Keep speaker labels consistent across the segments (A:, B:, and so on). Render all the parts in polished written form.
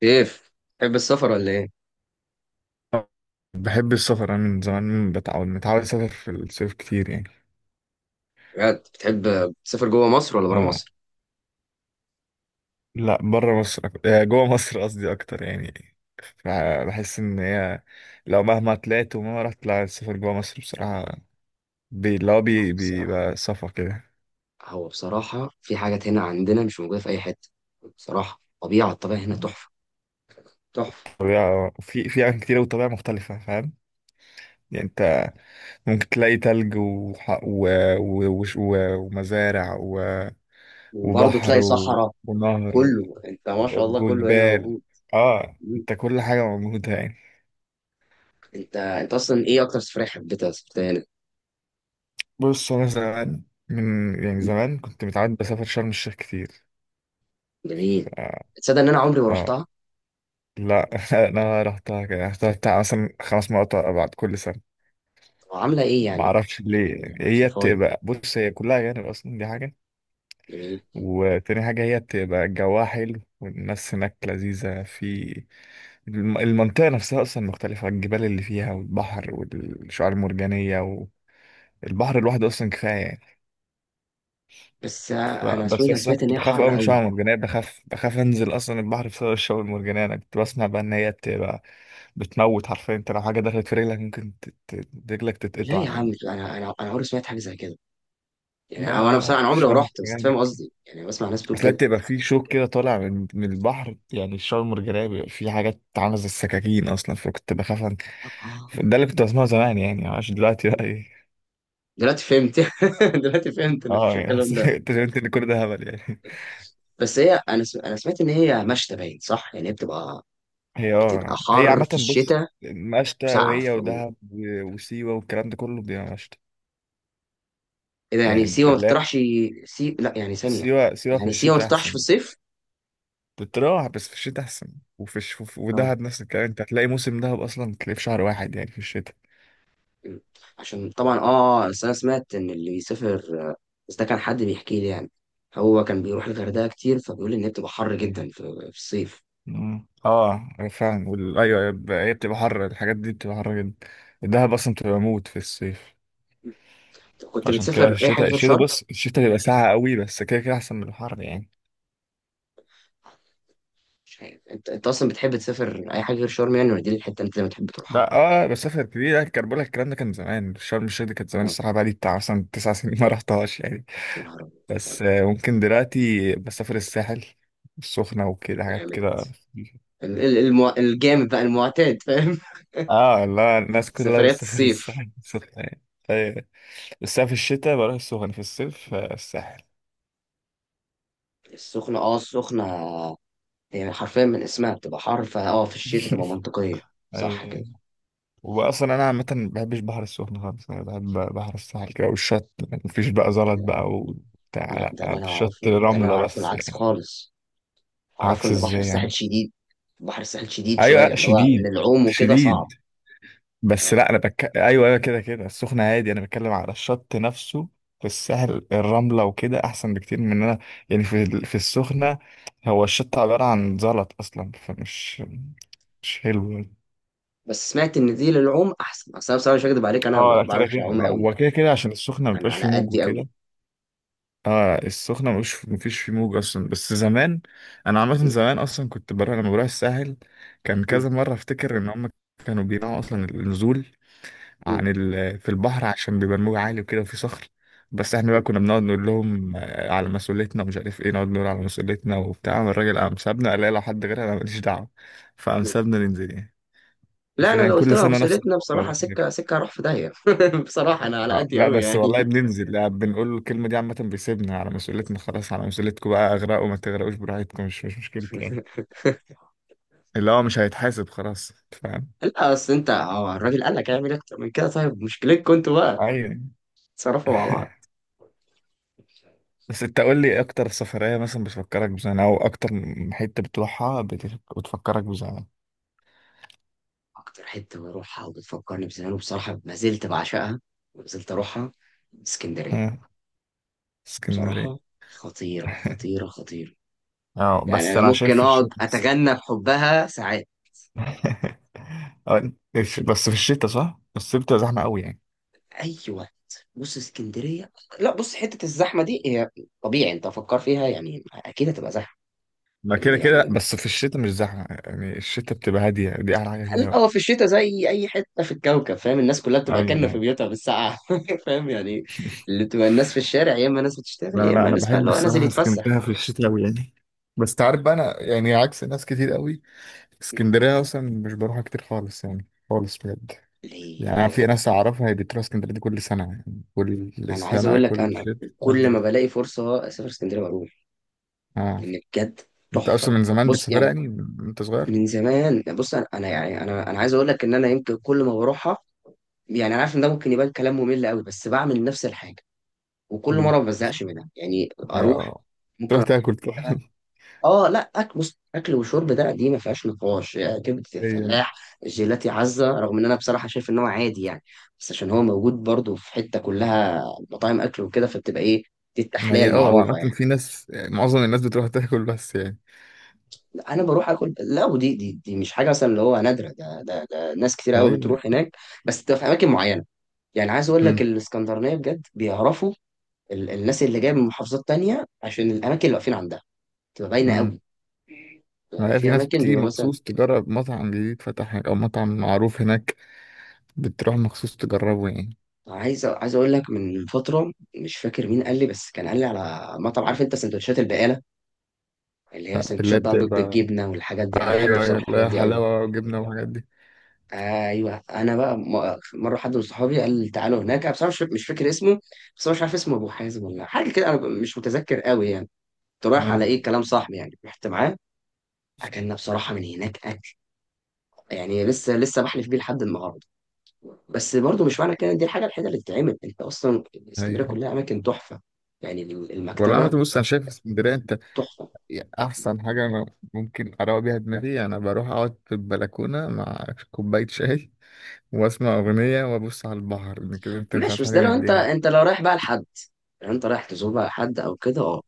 A: كيف بتحب السفر ولا ايه؟
B: بحب السفر انا من زمان متعود اسافر في الصيف كتير يعني.
A: بجد بتحب تسافر جوه مصر ولا بره
B: آه.
A: مصر؟
B: لا بره مصر جوه مصر قصدي اكتر يعني. بحس ان هي لو مهما طلعت ومهما رحت لا السفر جوه مصر بصراحة بي... اللي هو بي...
A: بس
B: بيبقى صفا كده.
A: هو بصراحة في حاجات هنا عندنا مش موجودة في أي حتة، بصراحة طبيعة الطبيعة هنا تحفة تحفة.
B: طبيعة في أماكن كتير وطبيعة مختلفة فاهم. يعني انت ممكن تلاقي تلج وح... و... و... و... و... ومزارع
A: وبرضه
B: وبحر
A: تلاقي صحراء.
B: ونهر
A: كله أنت ما شاء الله كله هنا
B: وجبال.
A: موجود.
B: اه
A: مم.
B: انت كل حاجة موجودة يعني.
A: أنت أصلا إيه أكتر سفرية حبيتها سافرتها هنا؟
B: بص انا زمان، من يعني
A: مم.
B: زمان كنت متعود بسافر شرم الشيخ كتير
A: جميل.
B: ف...
A: تصدق إن أنا عمري ما
B: اه
A: رحتها؟
B: لا انا رحتها كده يعني، رحتها بتاع مثلا 5 مرات بعد كل سنة.
A: طب عاملة إيه
B: ما
A: يعني؟
B: اعرفش ليه يعني، هي
A: اوصفها لي.
B: بتبقى بص هي كلها أجانب اصلا، دي حاجة.
A: جميل.
B: وتاني حاجة هي بتبقى جواها حلو والناس هناك لذيذة في المنطقة نفسها، أصلا مختلفة، الجبال اللي فيها والبحر والشعاب المرجانية. والبحر لوحده أصلا كفاية يعني.
A: بس
B: ف-
A: أنا سويت
B: بس
A: أنا
B: بس انا
A: سمعت إن
B: كنت
A: هي
B: بخاف قوي
A: حر
B: من
A: قوي.
B: الشعاب المرجانيه، بخاف انزل اصلا البحر بسبب الشعاب المرجانيه. انا كنت بسمع بقى ان هي بتبقى بتموت حرفيا. انت لو حاجه دخلت في رجلك ممكن رجلك
A: لا
B: تتقطع
A: يا عم،
B: يعني.
A: أنا عمري ما سمعت حاجة زي كده.
B: لا
A: يعني هو انا
B: لا
A: بصراحه انا
B: لا.
A: عمري ما
B: الشعاب
A: رحت، بس
B: المرجانيه
A: فاهم
B: هناك-
A: قصدي، يعني بسمع ناس بتقول
B: اصل هي
A: كده.
B: بتبقى في شوك كده طالع من البحر. يعني الشعاب المرجانيه بيبقى في حاجات عامله زي السكاكين اصلا،
A: آه.
B: ده اللي كنت بسمعه زمان يعني، عشان دلوقتي بقى ايه.
A: دلوقتي فهمت. دلوقتي فهمت ان
B: اه
A: مفيش
B: يعني
A: الكلام
B: حسيت
A: ده.
B: اكتشفت ان كل ده هبل يعني.
A: بس هي انا سمعت ان هي مشتى باين صح، يعني هي بتبقى
B: هي
A: بتبقى
B: اه هي
A: حر
B: عامة
A: في
B: بص،
A: الشتاء
B: مشتى
A: وسقعه في
B: وهي
A: العموم.
B: ودهب وسيوة والكلام ده كله بيبقى مشتى.
A: ايه ده؟ يعني
B: يعني
A: سيوه ما
B: لا،
A: تطرحش؟ لا يعني ثانيه.
B: سيوة سيوة في
A: يعني سيوه ما
B: الشتاء
A: تطرحش في
B: أحسن.
A: الصيف؟
B: بتروح بس في الشتاء أحسن.
A: اه.
B: ودهب نفس الكلام. أنت هتلاقي موسم دهب أصلا تلاقيه في شهر واحد يعني، في الشتاء.
A: م. عشان طبعا اه، بس انا سمعت ان اللي بيسافر، بس ده كان حد بيحكي لي يعني. هو كان بيروح الغردقه كتير فبيقول ان هي بتبقى حر جدا في الصيف.
B: مم. اه فاهم أيوه أيوة، هي بتبقى حر. الحاجات دي بتبقى حر جدا. الدهب أصلا بتبقى موت في الصيف.
A: كنت
B: فعشان كده
A: بتسافر اي حاجه
B: الشتاء
A: غير
B: الشتاء
A: شرم؟
B: بص الشتاء بيبقى ساقع قوي. بس كده كده أحسن من الحر يعني.
A: مش عارف انت اصلا بتحب تسافر اي حاجه غير شرم يعني ولا دي الحته اللي انت دايما بتحب تروحها؟
B: لا اه مسافة قد ايه. لا الكربلة، الكلام ده كان زمان. شرم الشيخ دي كانت زمان
A: اه،
B: الصراحة، بقالي بتاع مثلا 9 سنين ما رحتهاش يعني.
A: يا نهار ابيض!
B: بس
A: طب.
B: ممكن دلوقتي بسافر الساحل السخنة وكده حاجات
A: جامد.
B: كده.
A: الجامد بقى المعتاد، فاهم؟
B: اه لا، الناس كلها
A: سفريات
B: بتسافر
A: الصيف.
B: الساحل السخنة يعني. أيوة. بس أنا في الشتاء بروح السخنة، في الصيف الساحل.
A: السخنه، اه السخنه هي حرفيا من اسمها بتبقى حر، فاه في الشتاء تبقى منطقيه، صح كده؟
B: أي. وأصلا أنا عامة ما بحبش بحر السخنة خالص. أنا بحب بحر الساحل كده والشط. مفيش بقى زلط بقى وبتاع،
A: لا ده اللي
B: لا في
A: انا
B: الشط
A: اعرفه، ده اللي انا
B: رملة
A: اعرفه
B: بس
A: العكس
B: يعني.
A: خالص، اعرفه
B: عكس
A: ان بحر
B: ازاي
A: الساحل
B: يعني؟
A: شديد. بحر الساحل شديد شويه
B: ايوه
A: اللي هو
B: شديد
A: للعوم وكده صعب.
B: شديد. بس
A: اه.
B: لا انا ايوه ايوه، كده كده. السخنه هادي، انا بتكلم على الشط نفسه. في السهل الرمله وكده احسن بكتير من إن انا يعني في السخنه. هو الشط عباره عن زلط اصلا، فمش مش حلو يعني.
A: بس سمعت ان دي للعوم احسن، اصل انا بصراحه مش هكدب عليك انا
B: اه
A: ما
B: لا كده
A: بعرفش
B: كده،
A: اعوم قوي،
B: هو كده كده عشان السخنه
A: انا
B: مبيبقاش
A: على
B: فيه موج
A: قدي قوي.
B: وكده. اه السخنه مش مفيش فيه موج اصلا. بس زمان، انا عامه
A: م-
B: زمان اصلا كنت بروح، لما بروح الساحل كان
A: م-
B: كذا مره افتكر ان هم كانوا بيمنعوا اصلا النزول
A: م-
B: في البحر، عشان بيبقى الموج عالي وكده وفي صخر. بس احنا
A: م.
B: بقى كنا بنقعد نقول لهم على مسؤوليتنا ومش عارف ايه. نقعد نقول على مسؤوليتنا وبتاع، قام الراجل قام سابنا، قال لي لو حد غيرها انا ماليش دعوه. فقام
A: م.
B: سابنا ننزل يعني. بس
A: لا انا
B: كان
A: لو قلت
B: كل
A: لها
B: سنه نفس
A: بصيرتنا
B: الحوار
A: بصراحه
B: والله.
A: سكه سكه هروح في داهيه بصراحه انا على قدي
B: لا
A: قوي
B: بس
A: يعني.
B: والله بننزل، بنقول له الكلمه دي عامه، بيسيبنا على مسؤوليتنا. خلاص على مسؤوليتكم بقى، اغرقوا ما تغرقوش براحتكم، مش مشكلتي يعني. اللي هو مش هيتحاسب خلاص، أنت فاهم.
A: لا اصل انت، هو الراجل قال لك هيعمل اكتر من كده؟ طيب مشكلتكم انتوا بقى،
B: ايوه،
A: تصرفوا مع بعض.
B: بس انت قول لي اكتر سفرية مثلا بتفكرك بزمان، او اكتر حتة بتروحها بتفكرك بزمان.
A: اكتر حته بروحها وبتفكرني بزمان وبصراحه ما زلت بعشقها وما زلت اروحها، اسكندريه.
B: اه اسكندرية.
A: بصراحه خطيره خطيره خطيره.
B: اه
A: يعني
B: بس
A: انا
B: انا شايف
A: ممكن
B: في
A: اقعد
B: الشتاء بس.
A: اتغنى بحبها ساعات.
B: بس في الشتاء صح. بس الصيف بتبقى زحمة قوي يعني.
A: اي وقت بص اسكندريه. لا بص، حته الزحمه دي هي طبيعي، انت فكر فيها يعني اكيد هتبقى زحمه.
B: ما
A: إن
B: كده كده،
A: يعني،
B: بس في الشتاء مش زحمة يعني. الشتاء بتبقى هادية، دي احلى حاجة فيها
A: لا
B: بقى.
A: هو في الشتاء زي اي حته في الكوكب فاهم، الناس كلها بتبقى
B: ايوه
A: كانه في
B: يعني.
A: بيوتها بالساعه فاهم يعني؟ اللي بتبقى الناس في الشارع يا اما ناس بتشتغل
B: انا
A: يا
B: لا
A: اما
B: انا
A: ناس بقى اللي
B: بحب
A: هو نازل
B: الصراحة
A: يتفسح.
B: اسكندرية في الشتاء قوي يعني. بس تعرف بقى انا يعني عكس ناس كتير قوي.
A: ليه؟
B: اسكندرية اصلا مش بروحها كتير خالص يعني، خالص بجد. يعني
A: ليه
B: أنا
A: يا
B: في
A: راجل
B: ناس
A: ده؟
B: أعرفها، هي بتروح اسكندرية دي كل سنة، يعني كل
A: انا عايز
B: سنة
A: اقول لك
B: كل
A: انا
B: شتاء بقى
A: كل ما
B: هناك.
A: بلاقي فرصه اسافر اسكندريه بروح،
B: آه.
A: لان بجد
B: أنت أصلا
A: تحفه.
B: من زمان
A: بص
B: بتسافرها
A: يعني
B: يعني، أنت صغير؟
A: من زمان، بص انا، أنا يعني انا انا عايز اقول لك ان انا يمكن كل ما بروحها، يعني انا عارف ان ده ممكن يبان كلام ممل قوي، بس بعمل نفس الحاجه وكل
B: مم.
A: مره ما بزهقش منها يعني
B: هي
A: اروح.
B: آه.
A: ممكن
B: تروح
A: أروح-
B: تاكل طبعا.
A: اه لا اكل، بص اكل وشرب ده، دي ما فيهاش نقاش يا كبده
B: هي يعني.
A: الفلاح. جيلاتي عزه، رغم ان انا بصراحه شايف ان هو عادي يعني، بس عشان هو موجود برضه في حته كلها مطاعم اكل وكده فبتبقى ايه؟ دي
B: ما
A: التحليه
B: هي
A: المعروفه
B: وعامة
A: يعني.
B: في ناس يعني، معظم الناس بتروح تاكل بس يعني.
A: لا انا بروح اكل، لا ودي دي مش حاجه مثلا اللي هو نادره، ده ناس كتير قوي
B: طيب
A: بتروح
B: يعني،
A: هناك، بس بتبقى في اماكن معينه. يعني عايز اقول لك
B: مم.
A: الاسكندرانيه بجد بيعرفوا الناس اللي جايه من محافظات تانية عشان الاماكن اللي واقفين عندها تبقى باينه
B: مم.
A: قوي. يعني
B: ما هي في
A: في
B: ناس
A: اماكن
B: بتيجي
A: بيبقى مثلا،
B: مخصوص تجرب مطعم جديد فتح هناك، أو مطعم معروف هناك، بتروح مخصوص تجربه يعني.
A: عايز اقول لك من فتره مش فاكر مين قال لي، بس كان قال لي على مطعم. عارف انت سندوتشات البقاله اللي هي
B: اللي
A: سندوتشات
B: هي
A: بقى بيض
B: بتبقى،
A: بالجبنه والحاجات دي؟ انا بحب
B: أيوه أيوه،
A: بصراحه الحاجات
B: لا
A: دي قوي.
B: حلاوة وجبنة وحاجات دي.
A: ايوه انا بقى مره حد من صحابي قال لي تعالوا هناك. انا بصراحه مش فاكر اسمه، بس هو مش عارف اسمه ابو حازم ولا حاجه كده، انا مش متذكر قوي يعني. كنت رايح على
B: آه.
A: ايه كلام صاحبي، يعني رحت معاه. اكلنا بصراحه من هناك اكل يعني لسه لسه بحلف بيه لحد النهارده. بس برضو مش معنى كده إن دي الحاجه الوحيده اللي تتعمل، انت اصلا اسكندريه
B: أيوه.
A: كلها اماكن تحفه، يعني
B: والله عامة
A: المكتبه
B: بص، أنا شايف اسكندرية أنت
A: تحفه.
B: أحسن حاجة. أنا ممكن أروق بيها دماغي، أنا بروح أقعد في البلكونة مع كوباية شاي وأسمع أغنية وأبص على البحر، إن كده أنت مش
A: ماشي،
B: عايز
A: بس ده
B: حاجة من
A: لو انت
B: الدنيا.
A: انت لو رايح بقى لحد، لو انت رايح تزور بقى حد او كده، اه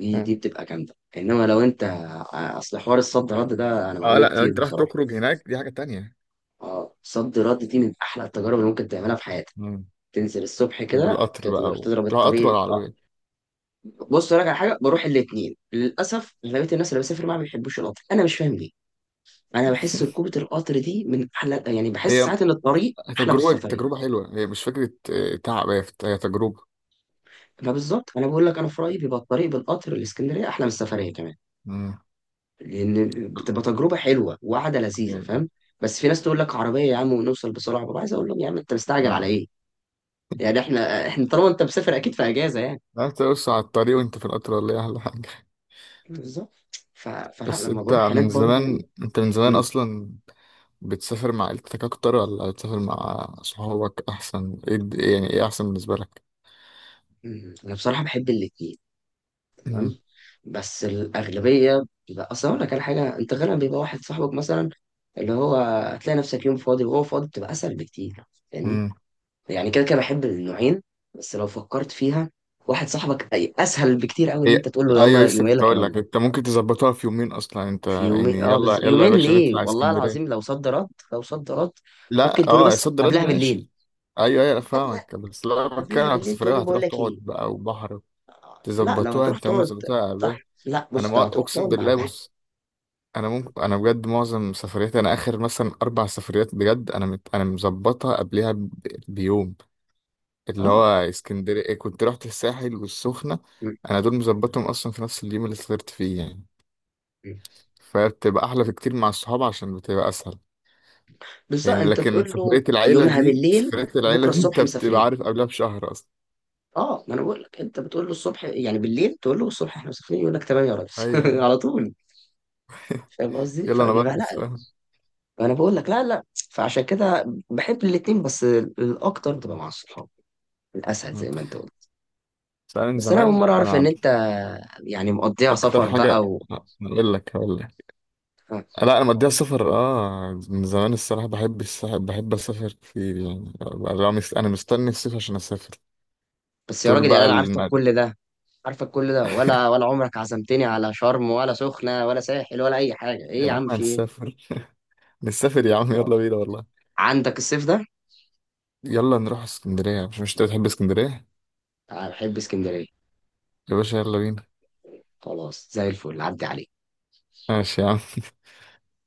A: دي
B: مم.
A: بتبقى جامده، انما لو انت، اصل حوار الصد رد ده انا
B: أه
A: بعمله
B: لأ، لو
A: كتير
B: أنت راح
A: بصراحه.
B: تخرج هناك دي حاجة تانية.
A: اه صد رد دي من احلى التجارب اللي ممكن تعملها في حياتك.
B: مم.
A: تنزل الصبح كده
B: وبالقطر بقى
A: تقدر تضرب
B: تروح قطر
A: الطريق،
B: ولا
A: اه.
B: عربية؟
A: بص أقول لك على حاجه، بروح الاثنين. للاسف اغلبيه الناس اللي بسافر معاها ما بيحبوش القطر، انا مش فاهم ليه. انا بحس ركوبه القطر دي من احلى، يعني بحس
B: هي
A: ساعات ان الطريق احلى من
B: تجربة
A: السفريه.
B: تجربة حلوة. هي مش فكرة تعب، هي هي تجربة.
A: فبالظبط انا بقول لك انا في رايي بيبقى الطريق بالقطر الاسكندريه احلى من السفريه كمان،
B: مم.
A: لان بتبقى تجربه حلوه وقعده لذيذه،
B: يعني
A: فاهم؟ بس في ناس تقول لك عربيه يا عم ونوصل بسرعه، ببقى عايز اقول لهم يا عم انت مستعجل على
B: ما
A: ايه؟ يعني احنا طالما انت مسافر اكيد في اجازه يعني.
B: لا، تقص على الطريق وانت في القطر، ولا ايه احلى حاجه؟
A: بالظبط. فلا
B: بس
A: لما
B: انت
A: بروح هناك
B: من
A: برضو.
B: زمان انت من زمان
A: مم.
B: اصلا بتسافر مع عيلتك اكتر ولا بتسافر مع صحابك احسن؟ ايه يعني، ايه احسن بالنسبه لك؟
A: مم. انا بصراحه بحب الاثنين.
B: امم
A: تمام، بس الأغلبية بيبقى، أصل أقول لك على حاجة، أنت غالبا بيبقى واحد صاحبك مثلا اللي هو هتلاقي نفسك يوم فاضي وهو فاضي، بتبقى أسهل بكتير يعني.
B: امم
A: يعني كده كده بحب النوعين، بس لو فكرت فيها واحد صاحبك أسهل بكتير أوي إن
B: هي
A: أنت تقول له
B: ايوه،
A: يلا
B: لسه
A: يومين
B: كنت
A: لك،
B: هقول
A: يلا.
B: لك انت ممكن تظبطها في يومين اصلا. انت
A: في يومين
B: يعني،
A: أه،
B: يلا يلا يا
A: يومين
B: باشا
A: ليه؟
B: نطلع
A: والله العظيم
B: اسكندريه.
A: لو صد رد لو صد رد ممكن
B: لا
A: تقول له،
B: اه، يا
A: بس
B: صد رد
A: قبلها بالليل.
B: ماشي. ايوه ايوه أنا
A: قبلها،
B: فاهمك، بس لا بتكلم
A: قبلها
B: على
A: بالليل تقول
B: السفريه،
A: له بقول
B: هتروح
A: لك
B: تقعد
A: إيه،
B: بقى وبحر.
A: آه لا لو
B: تظبطوها،
A: هتروح
B: انت ممكن
A: تقعد،
B: تظبطها على إيه؟
A: صح، لا
B: انا
A: بص لو هتروح
B: اقسم
A: تقعد مع
B: بالله
A: الأهل،
B: بص. انا بجد معظم سفرياتي، انا اخر مثلا 4 سفريات بجد انا انا مظبطها قبلها بيوم. اللي هو
A: أه.
B: اسكندرية كنت رحت الساحل والسخنة،
A: م-
B: أنا دول مظبطهم أصلا في نفس اليوم اللي سافرت فيه يعني.
A: م-
B: فبتبقى أحلى في كتير مع الصحاب عشان بتبقى أسهل.
A: بالظبط
B: يعني
A: انت
B: لكن
A: تقول له يومها بالليل
B: سفرية العيلة
A: بكره
B: دي
A: الصبح
B: أنت بتبقى
A: مسافرين.
B: عارف قبلها بشهر أصلا.
A: اه ما انا بقول لك انت بتقول له الصبح، يعني بالليل تقول له الصبح احنا مسافرين يقول لك تمام يا ريس
B: أيوه أيوه.
A: على طول، فاهم قصدي؟
B: يلا أنا
A: فبيبقى لا،
B: بلبس فاهم.
A: انا بقول لك لا لا، فعشان كده بحب الاتنين، بس الاكتر بتبقى مع الصحاب الاسهل زي ما انت قلت.
B: سألني
A: بس انا اول
B: زمان
A: مره اعرف
B: أنا
A: ان
B: عن
A: انت يعني مقضيها
B: أكتر
A: سفر
B: حاجة،
A: بقى
B: أقول لك هقول لك.
A: آه.
B: لا أنا مضيع سفر من زمان الصراحة. بحب السفر، بحب أسافر كتير يعني. أنا مستني الصيف عشان أسافر.
A: بس يا
B: طول
A: راجل يعني
B: بقى
A: انا عارفك كل ده، عارفك كل ده، ولا عمرك عزمتني على شرم ولا سخنه ولا ساحل ولا اي حاجه؟ ايه
B: يا
A: يا
B: عم
A: عم؟ في ايه؟
B: هنسافر. نسافر يا عم، يلا بينا والله.
A: عندك الصيف ده.
B: يلا نروح اسكندرية، مش انت بتحب اسكندرية؟
A: تعال، بحب اسكندرية،
B: يا باشا يلا بينا.
A: خلاص زي الفل عدي عليك.
B: ماشي يا عم.